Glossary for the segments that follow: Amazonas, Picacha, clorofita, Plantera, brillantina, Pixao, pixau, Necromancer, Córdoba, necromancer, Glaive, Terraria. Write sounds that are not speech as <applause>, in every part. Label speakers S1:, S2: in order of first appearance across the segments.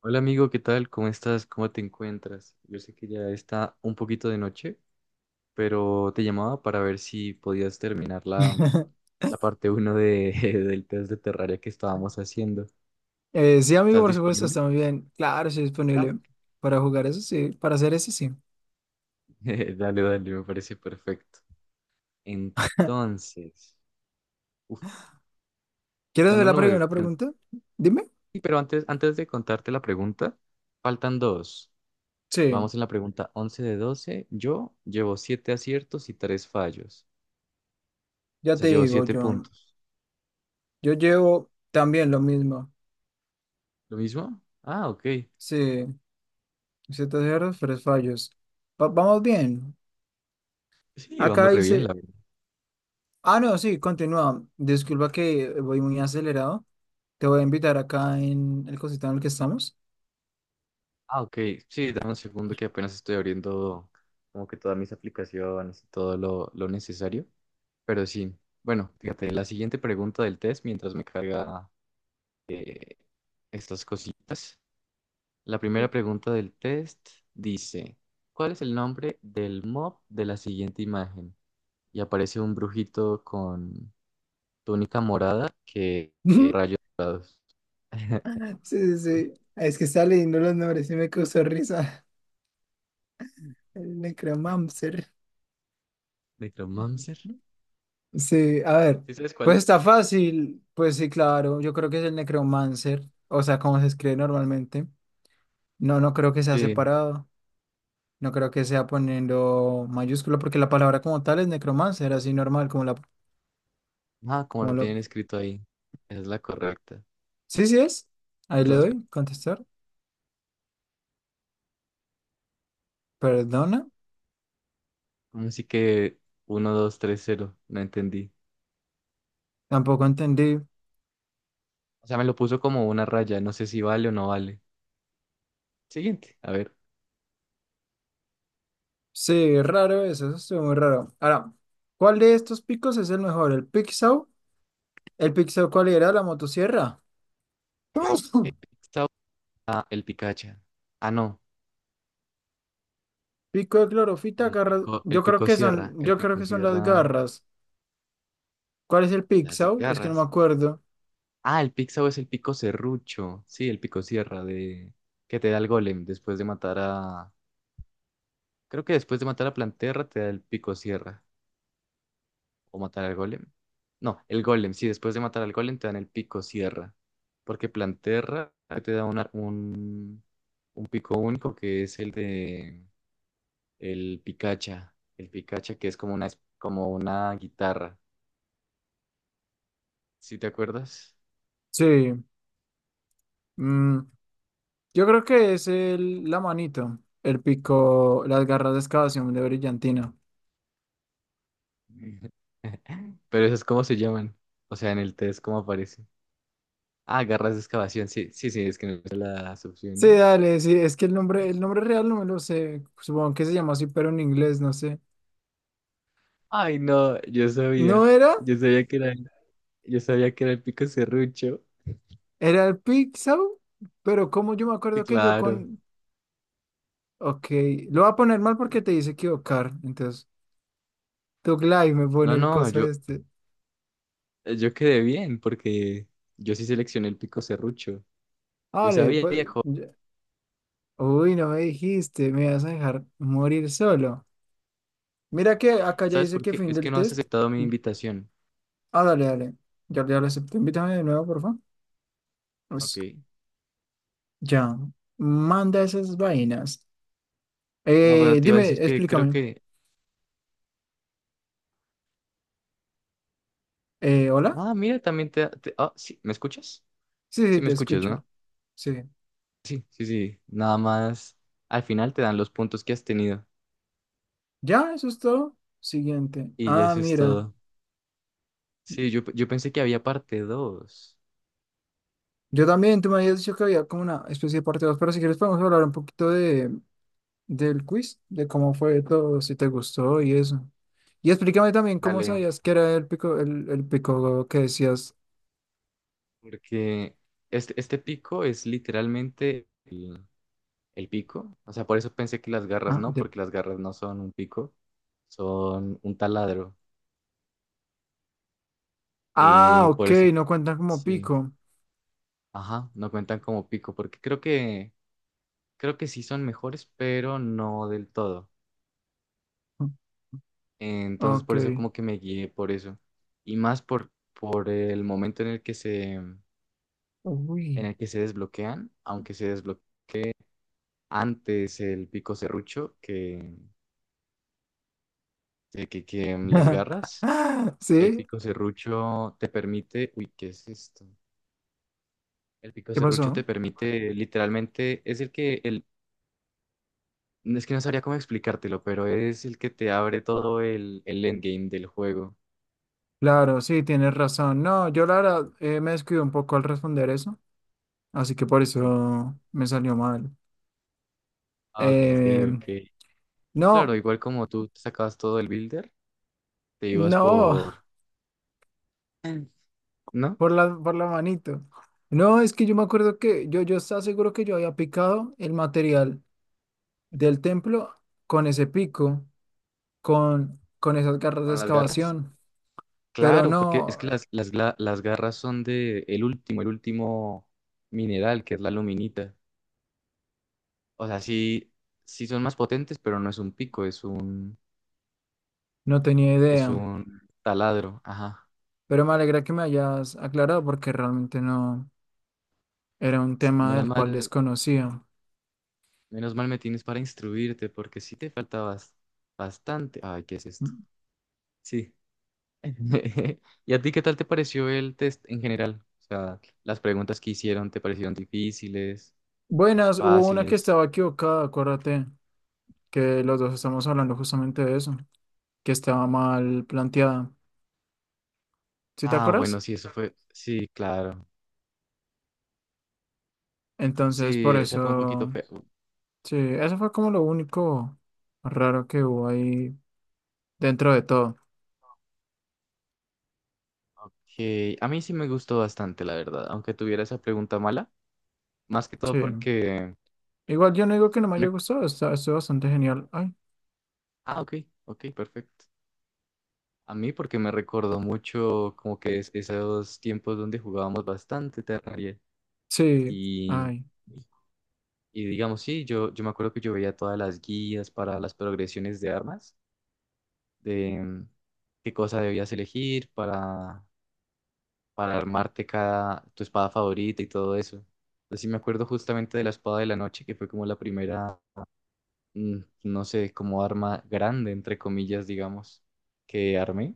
S1: Hola amigo, ¿qué tal? ¿Cómo estás? ¿Cómo te encuentras? Yo sé que ya está un poquito de noche, pero te llamaba para ver si podías terminar la,
S2: <laughs>
S1: la parte uno <laughs> del test de Terraria que estábamos haciendo.
S2: Sí, amigo,
S1: ¿Estás
S2: por supuesto,
S1: disponible?
S2: está muy bien. Claro, estoy
S1: Ah,
S2: disponible para jugar eso, sí, para hacer eso, sí.
S1: <laughs> dale, dale, me parece perfecto. Entonces, uf,
S2: ¿Quieres
S1: dando
S2: hacer
S1: un
S2: la
S1: número.
S2: primera pregunta? Dime.
S1: Sí, pero antes de contarte la pregunta, faltan dos.
S2: Sí,
S1: Vamos en la pregunta 11 de 12. Yo llevo 7 aciertos y 3 fallos. O
S2: ya
S1: sea,
S2: te
S1: llevo
S2: digo
S1: 7
S2: yo.
S1: puntos.
S2: Yo llevo también lo mismo.
S1: ¿Lo mismo? Ah, ok.
S2: Sí, ciertos errores, pero fallos. Vamos bien.
S1: Sí,
S2: Acá
S1: vamos re bien, la
S2: dice.
S1: verdad.
S2: Ah, no, sí, continúa. Disculpa que voy muy acelerado. Te voy a invitar acá en el cosito en el que estamos.
S1: Ah, ok. Sí, dame un segundo que apenas estoy abriendo como que todas mis aplicaciones y todo lo necesario. Pero sí, bueno, fíjate, la siguiente pregunta del test mientras me carga estas cositas. La primera pregunta del test dice, ¿cuál es el nombre del mob de la siguiente imagen? Y aparece un brujito con túnica morada que.
S2: <laughs>
S1: <laughs>
S2: Sí, sí, sí. Es que está leyendo los nombres y me causó risa. <laughs> El necromancer.
S1: ¿Necromancer?
S2: Sí, a ver,
S1: ¿Sí sabes cuál
S2: pues está
S1: es?
S2: fácil, pues sí, claro, yo creo que es el necromancer, o sea, como se escribe normalmente. No, no creo que sea
S1: Sí.
S2: separado, no creo que sea poniendo mayúscula, porque la palabra como tal es necromancer, así normal, como la,
S1: Ah, como
S2: como
S1: lo
S2: lo...
S1: tienen escrito ahí. Esa es la correcta.
S2: Sí, sí es, ahí le
S1: Entonces,
S2: doy, contestar, perdona,
S1: pues, así que 1230, no entendí.
S2: tampoco entendí.
S1: O sea, me lo puso como una raya. No sé si vale o no vale. Siguiente. A ver.
S2: Sí, raro eso, eso estuvo muy raro. Ahora, ¿cuál de estos picos es el mejor? ¿El pixau? ¿El pixau cuál era? ¿La motosierra?
S1: Eh,
S2: <laughs>
S1: Esta el Picacha. Ah, no.
S2: Pico de clorofita, garras. Yo creo que son,
S1: El
S2: yo creo
S1: pico
S2: que son las
S1: Sierra,
S2: garras. ¿Cuál es el
S1: las
S2: pixau? Es que no me
S1: garras.
S2: acuerdo.
S1: Ah, el Pixao es el pico serrucho. Sí, el pico Sierra de que te da el golem después de matar a. Creo que después de matar a Planterra te da el pico Sierra. ¿O matar al golem? No, el golem. Sí, después de matar al golem te dan el pico sierra. Porque Planterra te da un pico único que es el de el Picacha. El Picacha que es como una guitarra. ¿Sí te acuerdas?
S2: Sí. mm, yo creo que es el, la manito. El pico, las garras de excavación de brillantina.
S1: <laughs> Pero eso es como se llaman. O sea, en el test, ¿cómo aparece? Ah, garras de excavación. Sí, sí, sí, es que no sé las
S2: Sí,
S1: opciones.
S2: dale, sí, es que el nombre real no me lo sé. Supongo que se llama así, pero en inglés, no sé.
S1: Ay, no, yo sabía.
S2: ¿No era?
S1: Yo sabía que era, el- yo sabía que era el pico serrucho.
S2: Era el pixau, pero como yo me
S1: Sí,
S2: acuerdo que yo
S1: claro.
S2: con. Ok, lo voy a poner mal porque te dice equivocar. Entonces, tu Glaive me
S1: No,
S2: pone el
S1: no,
S2: coso este.
S1: yo quedé bien porque yo sí seleccioné el pico serrucho. Yo
S2: Vale,
S1: sabía,
S2: pues.
S1: viejo.
S2: Uy, no me dijiste, me vas a dejar morir solo. Mira que acá ya
S1: ¿Sabes
S2: dice
S1: por
S2: que
S1: qué?
S2: fin
S1: Es que
S2: del
S1: no has
S2: test.
S1: aceptado mi invitación.
S2: Ah, dale, dale. Ya, ya lo acepté. Invítame de nuevo, por favor.
S1: Ok.
S2: Pues ya. Manda esas vainas.
S1: Ah, bueno, te iba a
S2: Dime,
S1: decir que creo
S2: explícame.
S1: que...
S2: ¿Hola?
S1: Ah, mira, también Ah, sí, ¿me escuchas?
S2: Sí,
S1: Sí,
S2: sí,
S1: me
S2: te
S1: escuchas, ¿no?
S2: escucho. Sí.
S1: Sí, sí, sí. Nada más. Al final te dan los puntos que has tenido.
S2: Ya, eso es todo. Siguiente.
S1: Y ya
S2: Ah,
S1: eso es
S2: mira.
S1: todo. Sí, yo pensé que había parte dos.
S2: Yo también, tú me habías dicho que había como una especie de parte 2, pero si quieres podemos hablar un poquito de del quiz, de cómo fue todo, si te gustó y eso. Y explícame también cómo
S1: Dale.
S2: sabías que era el pico que decías.
S1: Porque este pico es literalmente, el pico. O sea, por eso pensé que las garras
S2: Ah,
S1: no,
S2: de...
S1: porque las garras no son un pico, son un taladro.
S2: ah,
S1: Y por
S2: ok,
S1: eso,
S2: no cuentan como
S1: sí,
S2: pico.
S1: ajá, no cuentan como pico, porque creo que sí son mejores, pero no del todo. Entonces,
S2: Ok.
S1: por eso como que me guié por eso. Y más por el momento en el que se, en
S2: Uy.
S1: el que se desbloquean, aunque se desbloquea antes el pico serrucho que las garras.
S2: <laughs>
S1: El
S2: ¿Sí?
S1: pico serrucho te permite, uy, ¿qué es esto? El pico
S2: ¿Qué
S1: serrucho te
S2: pasó?
S1: permite, literalmente, es no, es que no sabría cómo explicártelo, pero es el que te abre todo el endgame del juego.
S2: Claro, sí, tienes razón. No, yo la verdad me descuido un poco al responder eso, así que por
S1: Mm.
S2: eso me salió mal.
S1: Ah, ok,
S2: Eh,
S1: ok. Claro,
S2: no,
S1: igual como tú te sacabas todo el builder, te ibas
S2: no. <laughs>
S1: por. Mm. ¿No?
S2: Por la manito. No, es que yo me acuerdo que yo estaba seguro que yo había picado el material del templo con ese pico, con esas garras de
S1: Con las garras.
S2: excavación, pero
S1: Claro, porque es
S2: no,
S1: que las garras son de el último mineral, que es la luminita. O sea, sí, sí son más potentes, pero no es un pico, es un,
S2: no tenía
S1: es
S2: idea.
S1: un taladro. Ajá.
S2: Pero me alegra que me hayas aclarado porque realmente no era un
S1: Sí,
S2: tema
S1: menos
S2: del cual
S1: mal,
S2: desconocía.
S1: menos mal me tienes para instruirte, porque sí te faltabas bastante. Ay, ¿qué es esto? Sí. <laughs> ¿Y a ti qué tal te pareció el test en general? O sea, las preguntas que hicieron, ¿te parecieron difíciles,
S2: Buenas, hubo una que
S1: fáciles?
S2: estaba equivocada, acuérdate que los dos estamos hablando justamente de eso, que estaba mal planteada. ¿Sí te
S1: Ah, bueno,
S2: acuerdas?
S1: sí, eso fue. Sí, claro.
S2: Entonces,
S1: Sí,
S2: por
S1: esa fue un poquito
S2: eso.
S1: fea.
S2: Sí, eso fue como lo único raro que hubo ahí dentro de todo.
S1: Que a mí sí me gustó bastante, la verdad, aunque tuviera esa pregunta mala, más que todo
S2: Sí. Igual yo no digo que no me haya
S1: rec-
S2: gustado, está, estuvo bastante genial. Ay,
S1: Ah, ok, ok, perfecto. A mí porque me recordó mucho como que esos tiempos donde jugábamos bastante Terraria
S2: sí,
S1: y,
S2: ay,
S1: y digamos, sí, yo me acuerdo que yo veía todas las guías para las progresiones de armas, de mm, qué cosa debías elegir para armarte tu espada favorita y todo eso. Entonces sí me acuerdo justamente de la espada de la noche, que fue como la primera, mm, no sé, como arma grande, entre comillas, digamos, que armé.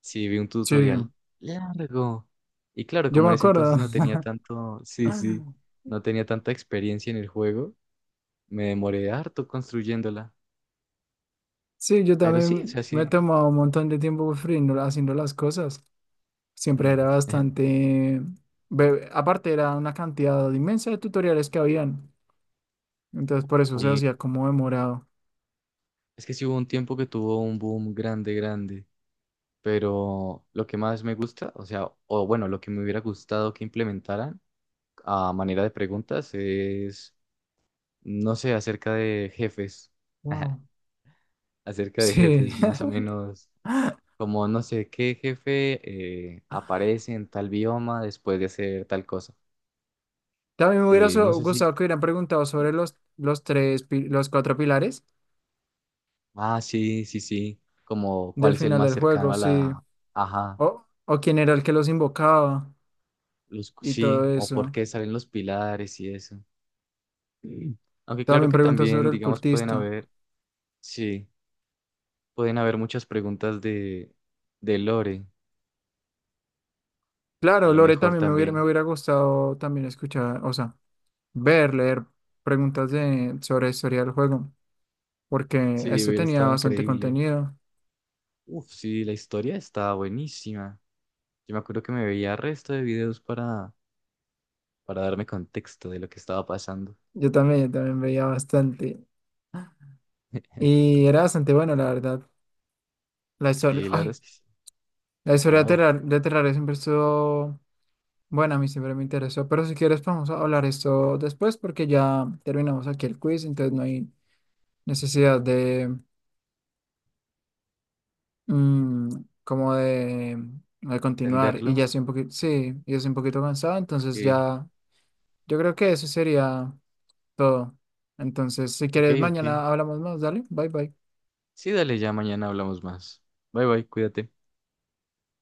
S1: Sí, vi un
S2: sí.
S1: tutorial largo. Y claro,
S2: Yo
S1: como
S2: me
S1: en ese entonces
S2: acuerdo.
S1: no tenía tanto, sí, sí,
S2: <laughs>
S1: no tenía tanta experiencia en el juego, me demoré harto construyéndola.
S2: Sí, yo
S1: Pero sí, o sea,
S2: también me
S1: sí.
S2: he tomado un montón de tiempo pues, haciendo las cosas. Siempre era
S1: Ujú. <laughs>
S2: bastante... Aparte era una cantidad inmensa de tutoriales que habían. Entonces por eso se hacía como demorado.
S1: Es que sí hubo un tiempo que tuvo un boom grande, grande. Pero lo que más me gusta, o sea, o bueno, lo que me hubiera gustado que implementaran a manera de preguntas es, no sé, acerca de jefes. <laughs>
S2: Wow.
S1: Acerca de
S2: Sí.
S1: jefes, más o
S2: <laughs>
S1: menos. Como no sé qué jefe aparece en tal bioma después de hacer tal cosa.
S2: También me hubiera
S1: Y no sé si.
S2: gustado que hubieran preguntado sobre los 3, los 4 pilares
S1: Ah, sí, sí, sí. Como cuál
S2: del
S1: es el
S2: final
S1: más
S2: del
S1: cercano
S2: juego,
S1: a
S2: sí.
S1: la. Ajá.
S2: O, o quién era el que los invocaba
S1: Los.
S2: y todo
S1: Sí, o
S2: eso.
S1: por qué salen los pilares y eso. Mm. Aunque claro
S2: También
S1: que
S2: preguntas
S1: también,
S2: sobre el
S1: digamos, pueden
S2: cultista.
S1: haber. Sí, pueden haber muchas preguntas de Lore. A
S2: Claro,
S1: lo
S2: Lore
S1: mejor
S2: también me
S1: también.
S2: hubiera gustado también escuchar, o sea, ver, leer preguntas de, sobre la historia del juego, porque
S1: Sí,
S2: este
S1: hubiera
S2: tenía
S1: estado
S2: bastante
S1: increíble.
S2: contenido.
S1: Uf, sí, la historia está buenísima. Yo me acuerdo que me veía resto de videos para darme contexto de lo que estaba pasando.
S2: Yo también veía bastante.
S1: <laughs>
S2: Y era bastante bueno, la verdad. La historia,
S1: Sí, la verdad
S2: ay,
S1: es que sí.
S2: la historia de
S1: Wow,
S2: Terrar, de Terraria siempre estuvo. Bueno, a mí siempre me interesó, pero si quieres podemos hablar esto después porque ya terminamos aquí el quiz, entonces no hay necesidad de mm, como de continuar y
S1: entenderlo.
S2: ya estoy un poquito, sí, ya estoy un poquito cansado, entonces
S1: Ok,
S2: ya yo creo que eso sería todo. Entonces, si
S1: ok,
S2: quieres
S1: ok.
S2: mañana hablamos más, dale, bye bye.
S1: Sí, dale, ya mañana hablamos más. Bye, bye, cuídate.